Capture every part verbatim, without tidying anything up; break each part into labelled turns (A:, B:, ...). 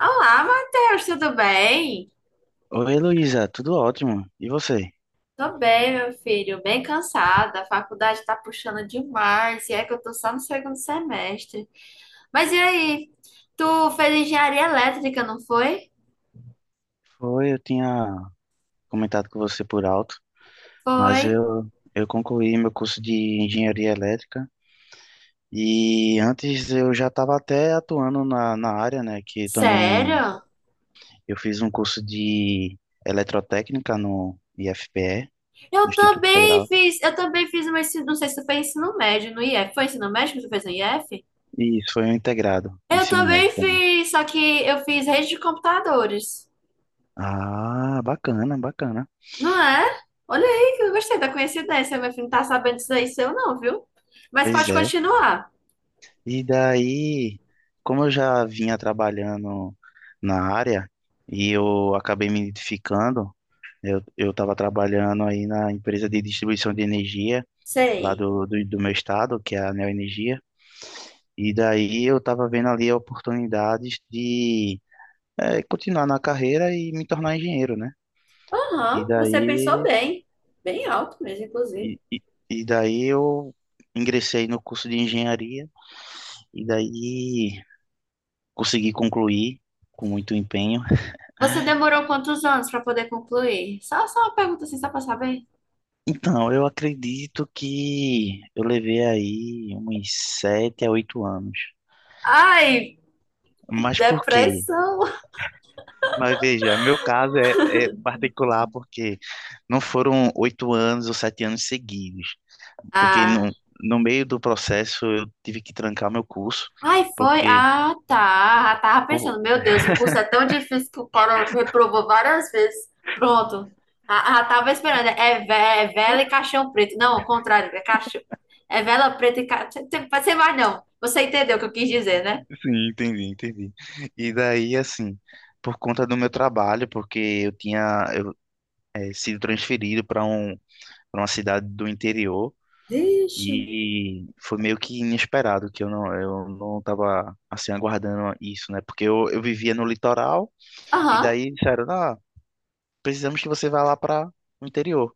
A: Olá, Matheus, tudo bem?
B: Oi, Heloísa, tudo ótimo. E você?
A: Tô bem, meu filho, bem cansada. A faculdade tá puxando demais, e é que eu tô só no segundo semestre. Mas e aí? Tu fez engenharia elétrica, não foi?
B: Foi, eu tinha comentado com você por alto, mas
A: Foi.
B: eu, eu concluí meu curso de engenharia elétrica e antes eu já estava até atuando na, na área, né? Que também
A: Sério?
B: eu fiz um curso de eletrotécnica no I F P E, no
A: Eu
B: Instituto
A: também
B: Federal,
A: fiz, eu também fiz uma, ensi- não sei se tu fez ensino médio no I F. Foi ensino médio que tu fez no I F?
B: e isso foi um integrado, um
A: Eu
B: ensino
A: também
B: médio também.
A: fiz, só que eu fiz rede de computadores.
B: Ah, bacana, bacana.
A: Não é? Olha aí que eu gostei da coincidência. Meu filho não tá sabendo disso aí seu, não, viu? Mas
B: Pois
A: pode
B: é.
A: continuar.
B: E daí, como eu já vinha trabalhando na área e eu acabei me identificando, eu eu estava trabalhando aí na empresa de distribuição de energia lá
A: Sei.
B: do, do, do meu estado, que é a Neoenergia, e daí eu estava vendo ali oportunidades de eh, continuar na carreira e me tornar engenheiro, né? E
A: Aham, você pensou
B: daí,
A: bem. Bem alto mesmo, inclusive.
B: e, e, e daí eu ingressei no curso de engenharia e daí consegui concluir com muito empenho.
A: Você demorou quantos anos para poder concluir? Só, só uma pergunta assim, só pra saber.
B: Então, eu acredito que eu levei aí uns sete a oito anos.
A: Ai, que
B: Mas por quê?
A: depressão.
B: Mas veja, meu caso é, é particular porque não foram oito anos ou sete anos seguidos. Porque
A: Ah.
B: no, no meio do processo eu tive que trancar meu curso,
A: Ai, foi?
B: porque...
A: Ah, tá. Eu tava
B: por-
A: pensando, meu Deus, o curso é tão difícil que o cara reprovou várias vezes. Pronto. Ah, ah, tava esperando. É, ve- é vela e caixão preto. Não, ao contrário, é caixão. É vela preta e caixão. Você vai, não. Você entendeu o que eu quis dizer, né?
B: sim, entendi, entendi. E daí, assim, por conta do meu trabalho, porque eu tinha eu, eh, sido transferido para um, para uma cidade do interior.
A: Vixe.
B: E foi meio que inesperado que eu não eu não tava assim aguardando isso, né? Porque eu, eu vivia no litoral e
A: Aham.
B: daí disseram, ah, precisamos que você vá lá para o interior.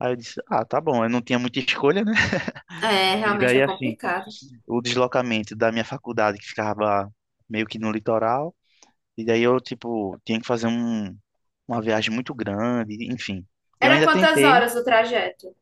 B: Aí eu disse, ah, tá bom, eu não tinha muita escolha, né?
A: É,
B: E
A: realmente é
B: daí assim,
A: complicado.
B: o deslocamento da minha faculdade que ficava meio que no litoral, e daí eu tipo tinha que fazer um, uma viagem muito grande, enfim. Eu
A: Era
B: ainda
A: quantas
B: tentei,
A: horas o trajeto?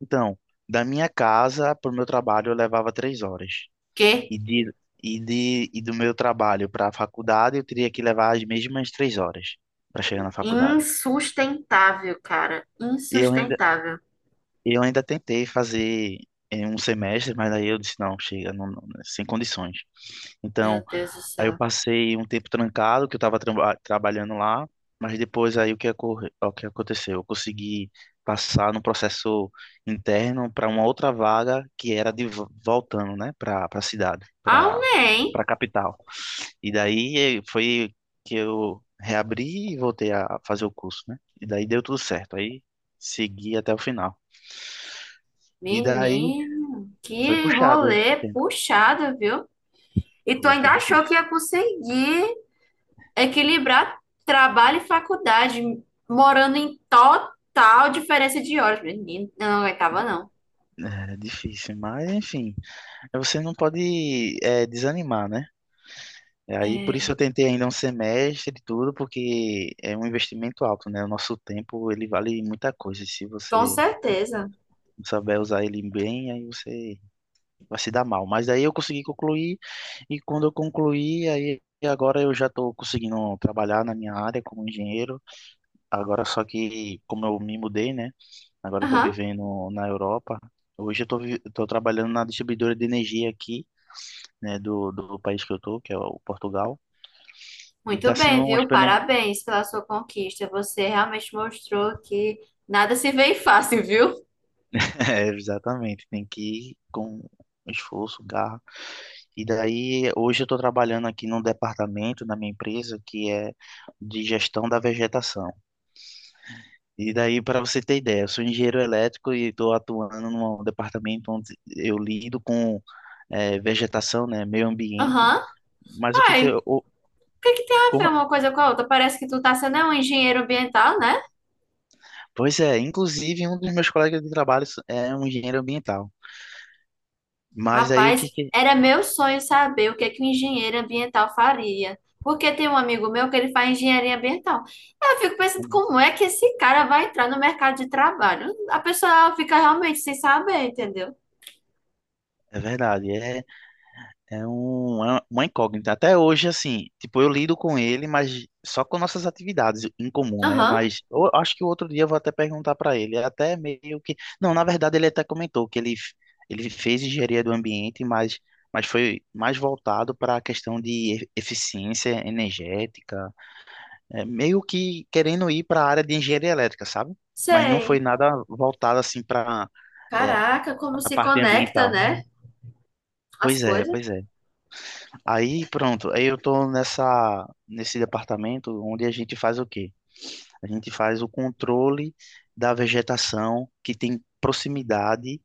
B: então, da minha casa para o meu trabalho eu levava três horas.
A: Que
B: E, de, e, de, e do meu trabalho para a faculdade, eu teria que levar as mesmas três horas para chegar na faculdade.
A: insustentável, cara.
B: eu ainda,
A: Insustentável.
B: eu ainda tentei fazer em um semestre, mas aí eu disse, não, chega, não, não, né, sem condições. Então,
A: Meu Deus do
B: aí eu
A: céu.
B: passei um tempo trancado, que eu estava traba- trabalhando lá, mas depois aí o que, ocorre, o que aconteceu? Eu consegui passar no processo interno para uma outra vaga que era de vo- voltando, né, para a cidade, para
A: Amém.
B: para a capital. E daí eh, foi que eu reabri e voltei a fazer o curso, né? E daí deu tudo certo. Aí segui até o final. E daí
A: Menino,
B: foi
A: que
B: puxado esse
A: rolê
B: tempo.
A: puxado, viu? E tu
B: Foi,
A: ainda
B: foi
A: achou que
B: difícil.
A: ia conseguir equilibrar trabalho e faculdade, morando em total diferença de horas. Menino, eu não aguentava, não.
B: Era difícil, mas enfim. Você não pode eh, desanimar, né? E aí por isso
A: É,
B: eu tentei ainda um semestre e tudo, porque é um investimento alto, né? O nosso tempo, ele vale muita coisa. E se
A: com
B: você
A: certeza.
B: não souber usar ele bem, aí você vai se dar mal. Mas aí eu consegui concluir, e quando eu concluí, aí agora eu já estou conseguindo trabalhar na minha área como engenheiro. Agora só que, como eu me mudei, né? Agora eu estou
A: Aham.
B: vivendo na Europa. Hoje eu estou vi- tô trabalhando na distribuidora de energia aqui, né? Do, do país que eu estou, que é o Portugal. E está
A: Muito bem,
B: sendo uma
A: viu?
B: experiência...
A: Parabéns pela sua conquista. Você realmente mostrou que nada se vê fácil, viu?
B: É, exatamente. Tem que ir com esforço, garra. E daí, hoje eu estou trabalhando aqui num departamento na minha empresa que é de gestão da vegetação. E daí, para você ter ideia, eu sou engenheiro elétrico e estou atuando num departamento onde eu lido com eh, vegetação, né, meio ambiente.
A: Aham.
B: Mas o que
A: Ai,
B: que
A: o
B: eu, o-
A: que que tem a ver
B: Como,
A: uma coisa com a outra? Parece que tu tá sendo um engenheiro ambiental, né?
B: pois é, inclusive um dos meus colegas de trabalho é um engenheiro ambiental. Mas daí o
A: Rapaz,
B: que que
A: era meu sonho saber o que é que um engenheiro ambiental faria. Porque tem um amigo meu que ele faz engenharia ambiental. Eu fico pensando como é que esse cara vai entrar no mercado de trabalho. A pessoa fica realmente sem saber, entendeu?
B: é verdade, é é um- é uma incógnita. Até hoje, assim, tipo, eu lido com ele, mas só com nossas atividades em comum, né?
A: Aham,
B: Mas eu acho que outro dia eu vou até perguntar para ele. É até meio que. Não, na verdade, ele até comentou que ele, ele fez engenharia do ambiente, mas, mas foi mais voltado para a questão de e- eficiência energética. É, meio que querendo ir para a área de engenharia elétrica, sabe? Mas não foi
A: sei.
B: nada voltado, assim, para,
A: Caraca, como
B: a
A: se
B: parte
A: conecta,
B: ambiental.
A: né? As
B: Pois é,
A: coisas.
B: pois é. Aí pronto, aí eu tô nessa nesse departamento onde a gente faz o quê? A gente faz o controle da vegetação que tem proximidade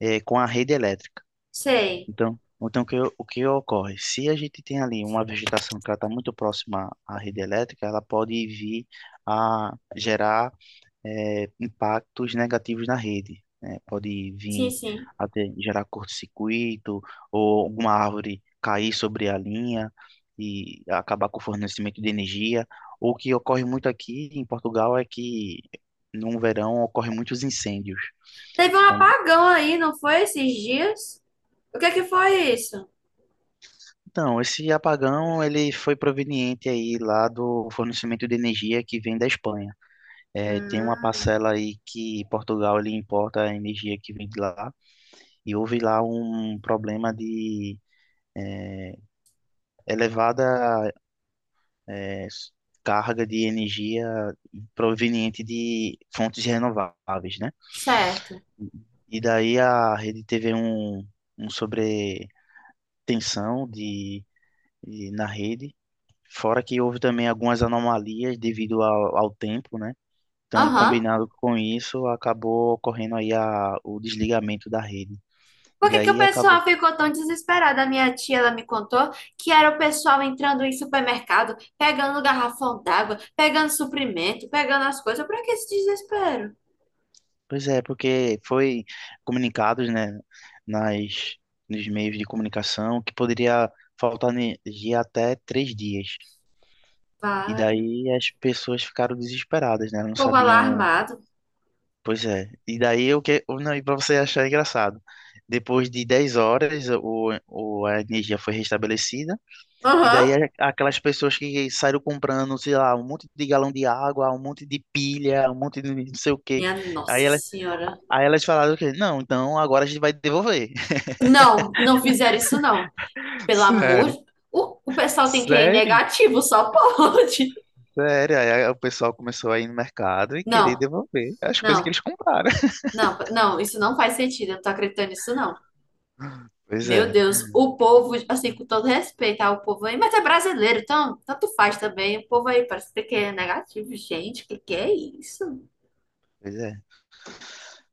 B: eh, com a rede elétrica.
A: Sei.
B: Então, então o que, o que ocorre? Se a gente tem ali uma vegetação que ela está muito próxima à rede elétrica, ela pode vir a gerar é, impactos negativos na rede, né? Pode
A: Sim,
B: vir
A: sim.
B: até gerar curto-circuito ou alguma árvore cair sobre a linha e acabar com o fornecimento de energia. O que ocorre muito aqui em Portugal é que no verão ocorrem muitos incêndios.
A: Teve um
B: Então,
A: apagão aí, não foi esses dias? O que é que foi isso?
B: então, esse apagão ele foi proveniente aí lá do fornecimento de energia que vem da Espanha. É, tem uma
A: Hum,
B: parcela aí que Portugal ele importa a energia que vem de lá e houve lá um problema de eh, elevada eh, carga de energia proveniente de fontes renováveis, né?
A: certo.
B: E daí a rede teve um, um sobretensão de, de- na rede, fora que houve também algumas anomalias devido ao, ao tempo, né? Então,
A: Aham.
B: combinado com isso, acabou ocorrendo aí a, o desligamento da rede. E
A: Por que que o
B: daí acabou.
A: pessoal ficou tão desesperado? A minha tia, ela me contou que era o pessoal entrando em supermercado, pegando garrafão d'água, pegando suprimento, pegando as coisas. Pra que esse desespero?
B: Pois é, porque foi comunicados, né, nas, nos meios de comunicação que poderia faltar energia até três dias. E
A: Vale.
B: daí as pessoas ficaram desesperadas, né? Não
A: O povo lá
B: sabiam.
A: armado.
B: Pois é. E daí o que. O- Não, e para você achar engraçado, depois de dez horas o, o, a energia foi restabelecida. E daí
A: Aham.
B: a- aquelas pessoas que saíram comprando, sei lá, um monte de galão de água, um monte de pilha, um monte de não sei o quê.
A: Minha
B: Aí
A: Nossa Senhora.
B: Aí elas falaram o quê? Não, então agora a gente vai devolver.
A: Não, não fizeram isso não. Pelo amor
B: Sério.
A: de... O, o pessoal tem que ir
B: Sério,
A: negativo, só pode.
B: sério. Aí o pessoal começou a ir no mercado e querer
A: Não,
B: devolver as coisas que
A: não,
B: eles compraram.
A: não, não. Isso não faz sentido. Eu não tô acreditando nisso não.
B: Pois é,
A: Meu Deus, o povo, assim, com todo respeito ao povo aí, mas é brasileiro, então tanto faz também. O povo aí parece que é negativo. Gente, que que é isso?
B: pois é.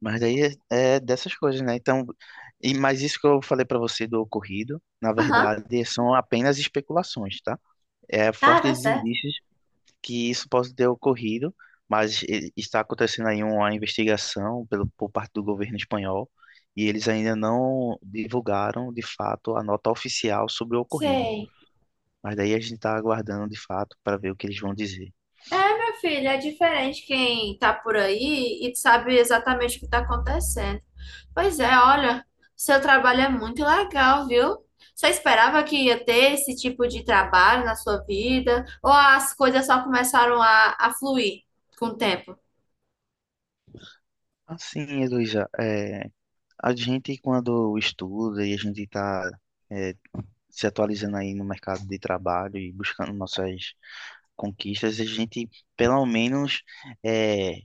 B: Mas daí é, é dessas coisas, né? Então, e, mas isso que eu falei pra você do ocorrido, na
A: Aham,
B: verdade, são apenas especulações, tá? É
A: tá, tá
B: fortes
A: certo.
B: indícios que isso possa ter ocorrido, mas e- está acontecendo aí uma investigação pelo, por parte do governo espanhol e eles ainda não divulgaram de fato a nota oficial sobre o ocorrido.
A: Sei.
B: Mas daí a gente está aguardando de fato para ver o que eles vão dizer.
A: É, meu filho, é diferente quem tá por aí e sabe exatamente o que tá acontecendo. Pois é, olha, seu trabalho é muito legal, viu? Você esperava que ia ter esse tipo de trabalho na sua vida? Ou as coisas só começaram a, a fluir com o tempo?
B: Assim, Heloísa, é, a gente quando estuda e a gente está é, se atualizando aí no mercado de trabalho e buscando nossas conquistas, a gente pelo menos é,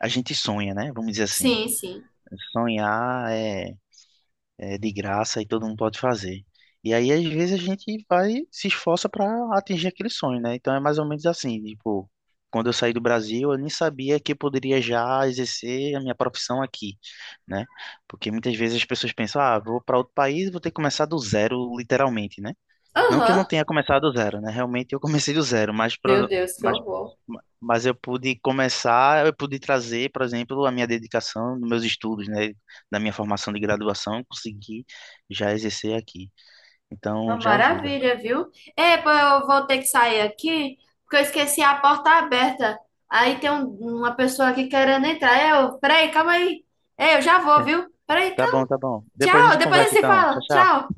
B: a gente sonha, né? Vamos dizer assim.
A: Sim, sim.
B: Sonhar é, é de graça e todo mundo pode fazer. E aí, às vezes, a gente vai, se esforça para atingir aquele sonho, né? Então é mais ou menos assim, tipo, quando eu saí do Brasil, eu nem sabia que eu poderia já exercer a minha profissão aqui, né? Porque muitas vezes as pessoas pensam, ah, vou para outro país, vou ter que começar do zero, literalmente, né? Não que eu não
A: Aham.
B: tenha começado do zero, né? Realmente eu comecei do zero, mas,
A: Meu
B: pro-
A: Deus, que
B: mas,
A: horror.
B: mas eu pude começar, eu pude trazer, por exemplo, a minha dedicação dos meus estudos, né? Da minha formação de graduação, consegui já exercer aqui.
A: Uma
B: Então já ajuda.
A: maravilha, viu? É, pô, eu vou ter que sair aqui, porque eu esqueci a porta aberta. Aí tem um- uma pessoa aqui querendo entrar. Eu, peraí, calma aí. É, eu já vou,
B: Bem,
A: viu? Peraí,
B: tá bom,
A: calma.
B: tá bom. Depois a
A: Tchau,
B: gente
A: depois a gente
B: conversa
A: se
B: então. Tchau,
A: fala.
B: tchau.
A: Tchau.